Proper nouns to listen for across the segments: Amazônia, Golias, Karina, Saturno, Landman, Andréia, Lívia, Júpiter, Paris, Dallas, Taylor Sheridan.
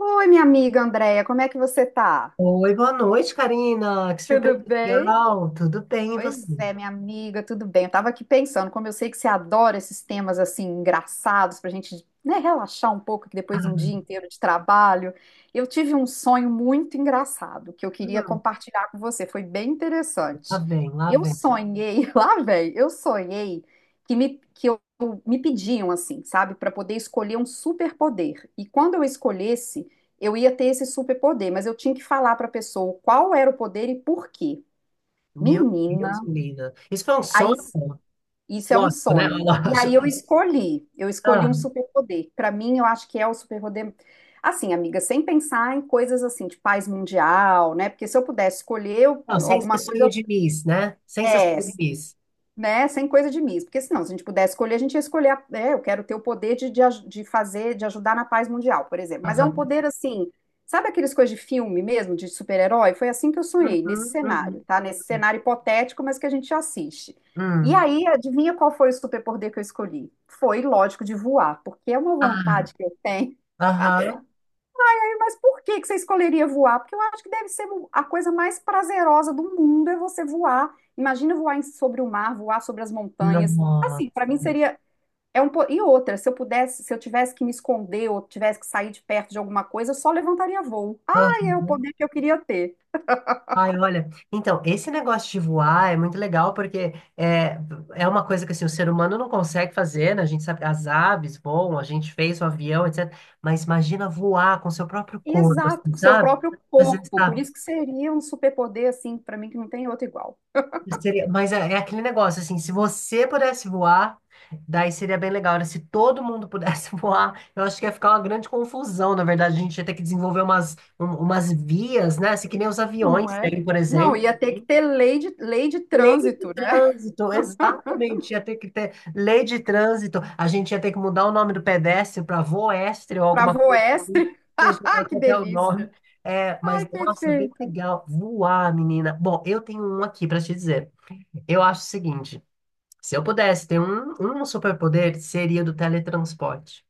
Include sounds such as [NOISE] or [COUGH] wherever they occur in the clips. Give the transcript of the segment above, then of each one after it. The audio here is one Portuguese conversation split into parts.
Oi, minha amiga Andréia, como é que você tá? Oi, boa noite, Karina. Que surpresa Tudo bem? legal. Tudo bem, e você? Pois é, minha amiga, tudo bem? Eu tava aqui pensando, como eu sei que você adora esses temas assim engraçados pra gente, né, relaxar um pouco que depois de Ah, um dia inteiro de trabalho, eu tive um sonho muito engraçado que eu queria hum, compartilhar com você, foi bem lá interessante. vem, lá Eu vem. sonhei, [LAUGHS] lá velho, eu sonhei que eu me pediam assim, sabe, para poder escolher um superpoder. E quando eu escolhesse, eu ia ter esse superpoder, mas eu tinha que falar pra pessoa qual era o poder e por quê. Meu Deus, Menina, menina. Isso foi um aí, sonho? isso é um Lógico, né? [LAUGHS] sonho. E aí Lógico. Eu escolhi Ah, um superpoder. Para mim, eu acho que é o superpoder. Assim, amiga, sem pensar em coisas assim de paz mundial, né? Porque se eu pudesse escolher não, sem ser alguma coisa, sonho de eu- Miss, né? Sem ser é, sonho de Miss. né? Sem coisa de mim, porque senão, se a gente pudesse escolher, a gente ia escolher, a- é, eu quero ter o poder de de fazer, de ajudar na paz mundial, por exemplo. Mas é um Aham. poder assim, sabe aqueles coisas de filme mesmo, de super-herói? Foi assim que eu sonhei, nesse Uhum, cenário, uhum. tá? Nesse cenário hipotético, mas que a gente assiste. E Hum. aí, adivinha qual foi o superpoder que eu escolhi? Foi, lógico, de voar, porque é uma Ah, vontade que eu tenho. aham. Mas por que que você escolheria voar? Porque eu acho que deve ser a coisa mais prazerosa do mundo é você voar. Imagina voar em- sobre o mar, voar sobre as montanhas. Assim, Nossa. para mim seria é um po- e outra, se eu pudesse, se eu tivesse que me esconder ou tivesse que sair de perto de alguma coisa, eu só levantaria voo. Ai, é o poder que eu queria ter. Ai, olha, então, esse negócio de voar é muito legal porque é uma coisa que assim, o ser humano não consegue fazer, né? A gente sabe, as aves voam, a gente fez o avião, etc. Mas imagina voar com seu próprio corpo, Exato, assim, o seu sabe? próprio Às vezes corpo. Por tá, isso que seria um superpoder assim, para mim que não tem outro igual. Mas é aquele negócio, assim, se você pudesse voar, daí seria bem legal, né? Se todo mundo pudesse [LAUGHS] voar, eu acho que ia ficar uma grande confusão, na verdade. A gente ia ter que desenvolver umas vias, né? Assim, que nem os Não aviões, é? tem, por Não, exemplo. ia ter que ter lei de Lei de trânsito, né? trânsito, exatamente. Ia ter que ter lei de trânsito. A gente ia ter que mudar o nome do pedestre para voestre ou Para alguma coisa assim. voestre. Seja lá [LAUGHS] Que qual é o nome. delícia. É, mas Ai, nossa, bem perfeito. legal. Voar, menina. Bom, eu tenho um aqui para te dizer. Eu acho o seguinte: se eu pudesse ter um superpoder, seria do teletransporte.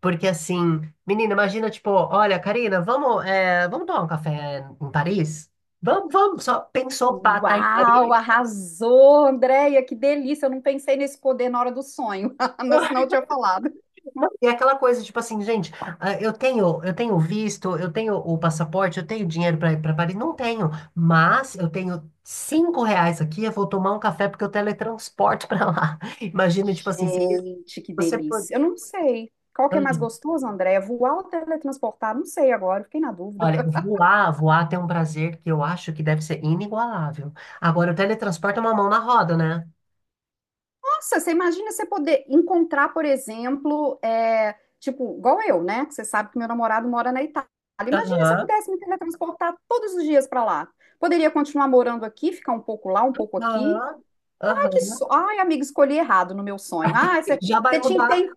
Porque assim, menina, imagina, tipo, olha, Karina, vamos tomar um café em Paris? Vamos, vamos, só pensou, pá, tá em Uau, Paris. arrasou, Andréia, que delícia. Eu não pensei nesse poder na hora do sonho, [LAUGHS] mas senão eu tinha falado. Não, e é aquela coisa, tipo assim, gente, ah, eu tenho visto, eu tenho o passaporte, eu tenho dinheiro para ir para Paris, não tenho, mas eu tenho cinco reais aqui, eu vou tomar um café porque eu teletransporte para lá. [LAUGHS] Imagina, tipo assim, se Gente, que você pode. delícia. Eu não sei. Qual que é mais gostoso, Andréia? Voar ou teletransportar? Não sei agora, fiquei na dúvida. Olha, [LAUGHS] voar, voar tem um prazer que eu acho que deve ser inigualável. Agora, o teletransporte é uma mão na roda, né? Nossa, você imagina você poder encontrar, por exemplo, é, tipo, igual eu, né? Que você sabe que meu namorado mora na Itália. Imagina se eu Aham, pudesse me teletransportar todos os dias para lá. Poderia continuar morando aqui, ficar um pouco lá, um pouco aqui, aham, que aham. so... Ai, amiga, escolhi errado no meu sonho. Ah, você Já vai você tinha que mudar. ter.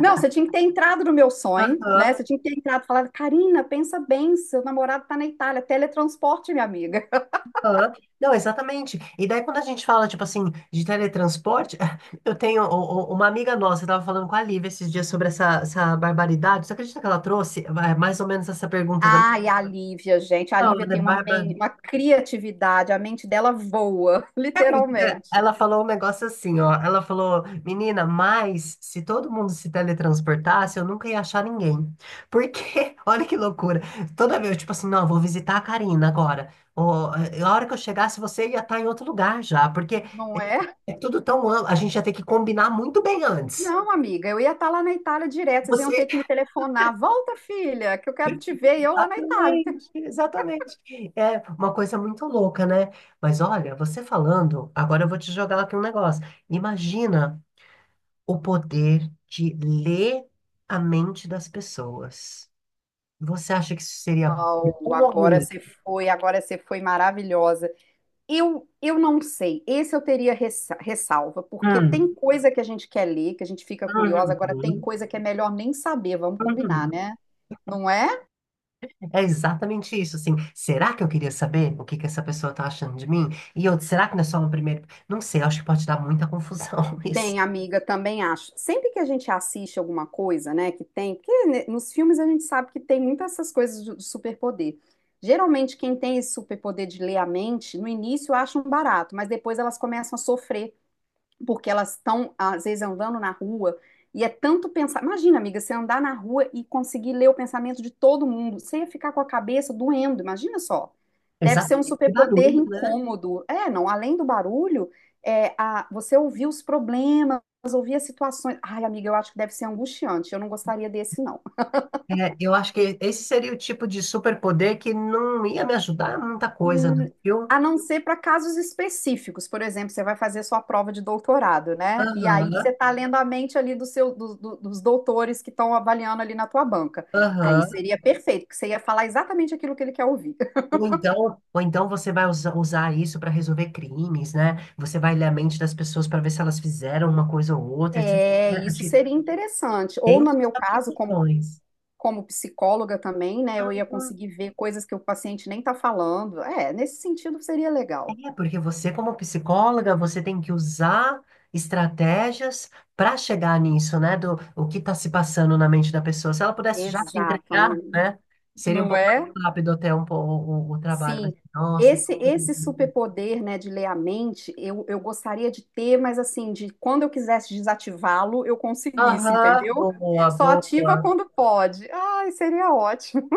Não, você tinha que ter entrado no meu sonho, né? Aham. Você tinha que ter entrado e falado, Karina, pensa bem, seu namorado tá na Itália, teletransporte, minha amiga. [LAUGHS] Aham. Não, exatamente. E daí quando a gente fala, tipo assim, de teletransporte, [LAUGHS] eu tenho uma amiga nossa, eu tava falando com a Lívia esses dias sobre essa barbaridade. Você acredita que ela trouxe mais ou menos essa pergunta também? Ai, a Lívia, gente, a Não, Lívia né? tem uma, uma criatividade, a mente dela voa, [LAUGHS] Você acredita? literalmente. Ela falou um negócio assim, ó. Ela falou, menina, mas se todo mundo se teletransportasse, eu nunca ia achar ninguém. Porque, [LAUGHS] olha que loucura. Toda vez, tipo assim, não, eu vou visitar a Karina agora. Ou, a hora que eu chegasse, você ia estar em outro lugar já. Porque Não é, é? é tudo tão amplo. A gente ia ter que combinar muito bem antes. Não, amiga, eu ia estar lá na Itália direto, vocês iam Você. ter que me [LAUGHS] telefonar. Volta, filha, que eu quero te ver, e eu lá na Itália. Exatamente, [LAUGHS] exatamente. É uma coisa muito louca, né? Mas olha, você falando, agora eu vou te jogar aqui um negócio. Imagina o poder de ler a mente das pessoas. Você acha que isso seria Au, bom ou ruim? Agora você foi maravilhosa. Eu não sei. Esse eu teria ressalva, porque Hum, tem coisa que a gente quer ler, que a gente fica curiosa, agora tem uhum, coisa que é melhor nem saber, vamos combinar, uhum. né? Não é? É exatamente isso, assim. Será que eu queria saber o que que essa pessoa tá achando de mim? E outro, será que não é só um primeiro? Não sei, acho que pode dar muita confusão [LAUGHS] isso. Bem, amiga, também acho. Sempre que a gente assiste alguma coisa, né, que tem, porque né, nos filmes a gente sabe que tem muitas essas coisas de superpoder. Geralmente quem tem esse superpoder de ler a mente, no início acham barato, mas depois elas começam a sofrer porque elas estão, às vezes, andando na rua e é tanto pensar. Imagina, amiga, você andar na rua e conseguir ler o pensamento de todo mundo. Você ia ficar com a cabeça doendo, imagina só. Deve ser um Exatamente. Que superpoder barulho, né? incômodo. É, não, além do barulho, é, a, você ouvir os problemas, ouvir as situações. Ai, amiga, eu acho que deve ser angustiante. Eu não gostaria desse, não. É, eu acho que esse seria o tipo de superpoder que não ia me ajudar a muita coisa, não, Hum. viu? A não ser para casos específicos. Por exemplo, você vai fazer sua prova de doutorado, né? E aí Aham, você está lendo a mente ali do seu, do- do- dos doutores que estão avaliando ali na tua banca. Aí aham. seria perfeito, porque você ia falar exatamente aquilo que ele quer ouvir. Ou então, você vai usar isso para resolver crimes, né? Você vai ler a mente das pessoas para ver se elas fizeram uma coisa ou outra, etc. É, Acho isso que seria interessante. tem Ou no suas meu caso, como, aplicações. como psicóloga também, né? Eu ia Uhum. conseguir ver coisas que o paciente nem está falando. É, nesse sentido seria legal. É, porque você, como psicóloga, você tem que usar estratégias para chegar nisso, né? Do o que está se passando na mente da pessoa. Se ela pudesse já te Exato, entregar, amigo. né? Seria um Não pouco mais é? rápido até um pouco o trabalho. Mas, Sim, nossa. Esse superpoder, né, de ler a mente, eu gostaria de ter, mas assim, de quando eu quisesse desativá-lo, eu conseguisse, Aham, entendeu? boa, Só boa. ativa quando pode. Ai, seria ótimo.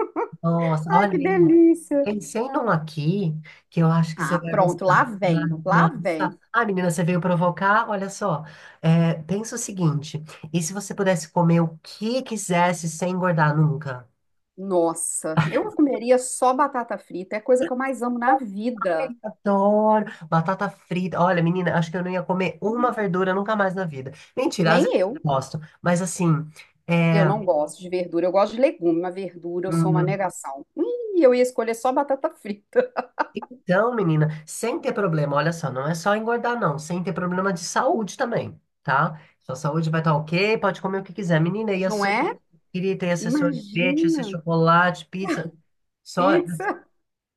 Nossa, Ai, olha, que menina. delícia. Pensei num aqui que eu acho que você Ah, vai pronto, lá gostar. vem, Não, lá não, vem. ah, menina, você veio provocar? Olha só. É, pensa o seguinte: e se você pudesse comer o que quisesse sem engordar nunca? Nossa, eu comeria só batata frita, é a coisa que eu mais amo na vida. Ai, adoro batata frita. Olha, menina, acho que eu não ia comer uma verdura nunca mais na vida. Mentira, às Nem vezes eu, eu gosto, mas assim, eu é, não gosto de verdura, eu gosto de legume, mas verdura eu sou uma hum, negação. Ih, eu ia escolher só batata frita, então, menina, sem ter problema, olha só, não é só engordar, não, sem ter problema de saúde também, tá? Sua saúde vai estar ok, pode comer o que quiser. Menina, ia não ser, é? queria ter esse sorvete, esse Imagina. chocolate, pizza, só, Pizza,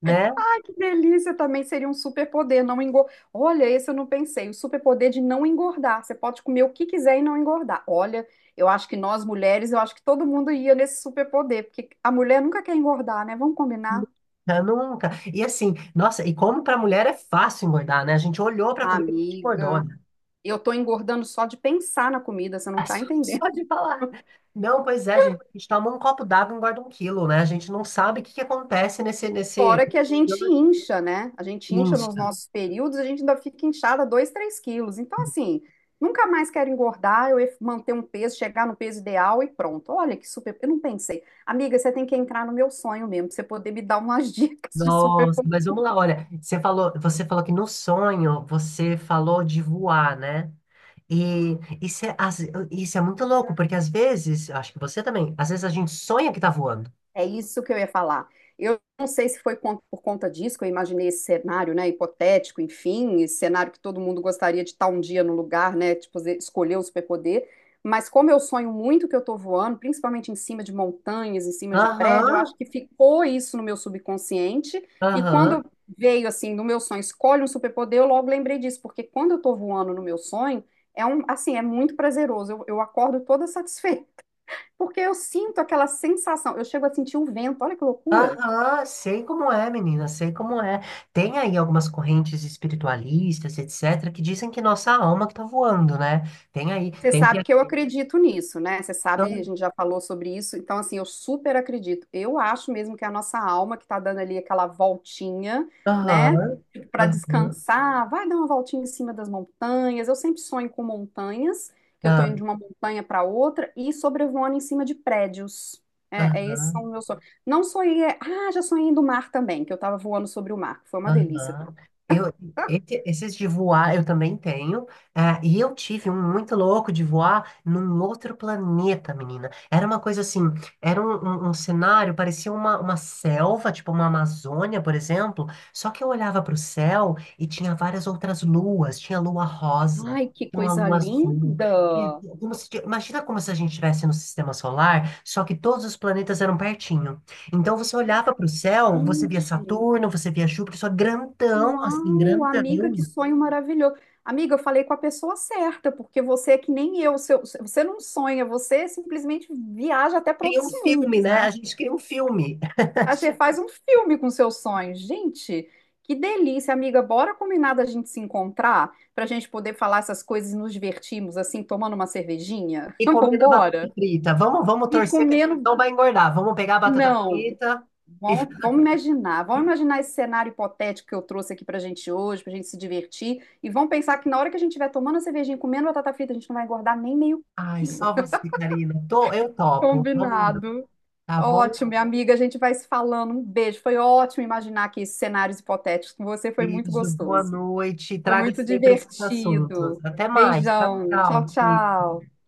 né? ai que delícia! Também seria um superpoder, não engordar. Olha, esse eu não pensei, o superpoder de não engordar. Você pode comer o que quiser e não engordar. Olha, eu acho que nós mulheres, eu acho que todo mundo ia nesse superpoder, porque a mulher nunca quer engordar, né? Vamos combinar? Já nunca. E assim, nossa, e como pra mulher é fácil engordar, né? A gente olhou pra Ah, comida e a gente engordou, amiga, né? eu tô engordando só de pensar na comida, você É não tá só, só entendendo. de falar. Não, pois é, gente, a gente toma um copo d'água e engorda um quilo, né? A gente não sabe o que que acontece nesse... Fora que a gente incha, né? A gente incha Isso. nos nossos períodos, a gente ainda fica inchada 2, 3 quilos. Então, assim, nunca mais quero engordar, eu ia manter um peso, chegar no peso ideal e pronto. Olha que super. Eu não pensei. Amiga, você tem que entrar no meu sonho mesmo, pra você poder me dar umas [LAUGHS] dicas de super. Nossa, mas vamos lá, olha, você falou que no sonho você falou de voar, né? E isso é, às- isso é muito louco, porque às vezes, acho que você também, às vezes a gente sonha que tá voando. É isso que eu ia falar. Eu não sei se foi por conta disso que eu imaginei esse cenário, né, hipotético, enfim, esse cenário que todo mundo gostaria de estar um dia no lugar, né, tipo, escolher o superpoder, mas como eu sonho muito que eu tô voando, principalmente em cima de montanhas, em cima de prédio, eu Aham, acho que ficou isso no meu subconsciente, e aham, quando veio, assim, no meu sonho, escolhe um superpoder, eu logo lembrei disso, porque quando eu tô voando no meu sonho, é um, assim, é muito prazeroso, eu acordo toda [LAUGHS] satisfeita, porque eu sinto aquela sensação, eu chego a sentir um vento, olha que loucura. aham, sei como é, menina, sei como é. Tem aí algumas correntes espiritualistas, etc., que dizem que nossa alma que tá voando, né? Tem aí, Você tem que... sabe que eu acredito nisso, né? Você sabe, a gente já falou sobre isso, então assim, eu super acredito. Eu acho mesmo que é a nossa alma que tá dando ali aquela voltinha, né, Aham, para aham, descansar, vai dar uma voltinha em cima das montanhas. Eu sempre sonho com montanhas, que eu tô indo ah, de uma montanha para outra e sobrevoando em cima de prédios. É, é esses são aham. os meus sonhos. Não sonhei, ah, já sonhei do mar também, que eu tava voando sobre o mar, que foi uma delícia. Aham. Eu, esses de voar eu também tenho, ah e eu tive um muito louco de voar num outro planeta, menina. Era uma coisa assim, era um cenário, parecia uma selva, tipo uma Amazônia, por exemplo, só que eu olhava para o céu e tinha várias outras luas, tinha lua rosa, Ai, que tinha uma coisa lua azul, tinha- linda! como se- imagina como se a gente estivesse no sistema solar, só que todos os planetas eram pertinho. Então você olhava para o céu, você via Gente, Saturno, você via Júpiter, só grandão, assim, uau, amiga, que grandão. sonho maravilhoso. Amiga, eu falei com a pessoa certa, porque você é que nem eu, seu- você não sonha, você simplesmente viaja até para Cria outros um filme, mundos, né? A né? gente cria um filme. A gente faz um filme com seus sonhos. Gente, que delícia, amiga. Bora combinar da gente se encontrar para a gente poder falar essas coisas e nos divertirmos, assim, tomando uma cervejinha? E [LAUGHS] comendo a batata Vambora! frita. Vamos, vamos E torcer que a gente comendo. não vai engordar. Vamos pegar a batata Não. frita e... Vamos, vamos imaginar esse cenário hipotético que eu trouxe aqui pra gente hoje, pra gente se divertir, e vamos pensar que na hora que a gente estiver tomando a cervejinha, e comendo batata frita, a gente não vai engordar nem meio Ai, quilo. só [LAUGHS] você, Karina. Tô, eu topo. Vamos, Combinado. tá bom? Ótimo, minha amiga, a gente vai se falando. Um beijo. Foi ótimo imaginar aqui esses cenários hipotéticos com você, foi muito Beijo, boa gostoso. noite. Foi Traga muito sempre esses assuntos. divertido. Até mais. Tchau, Beijão. Tchau, tchau. tchau.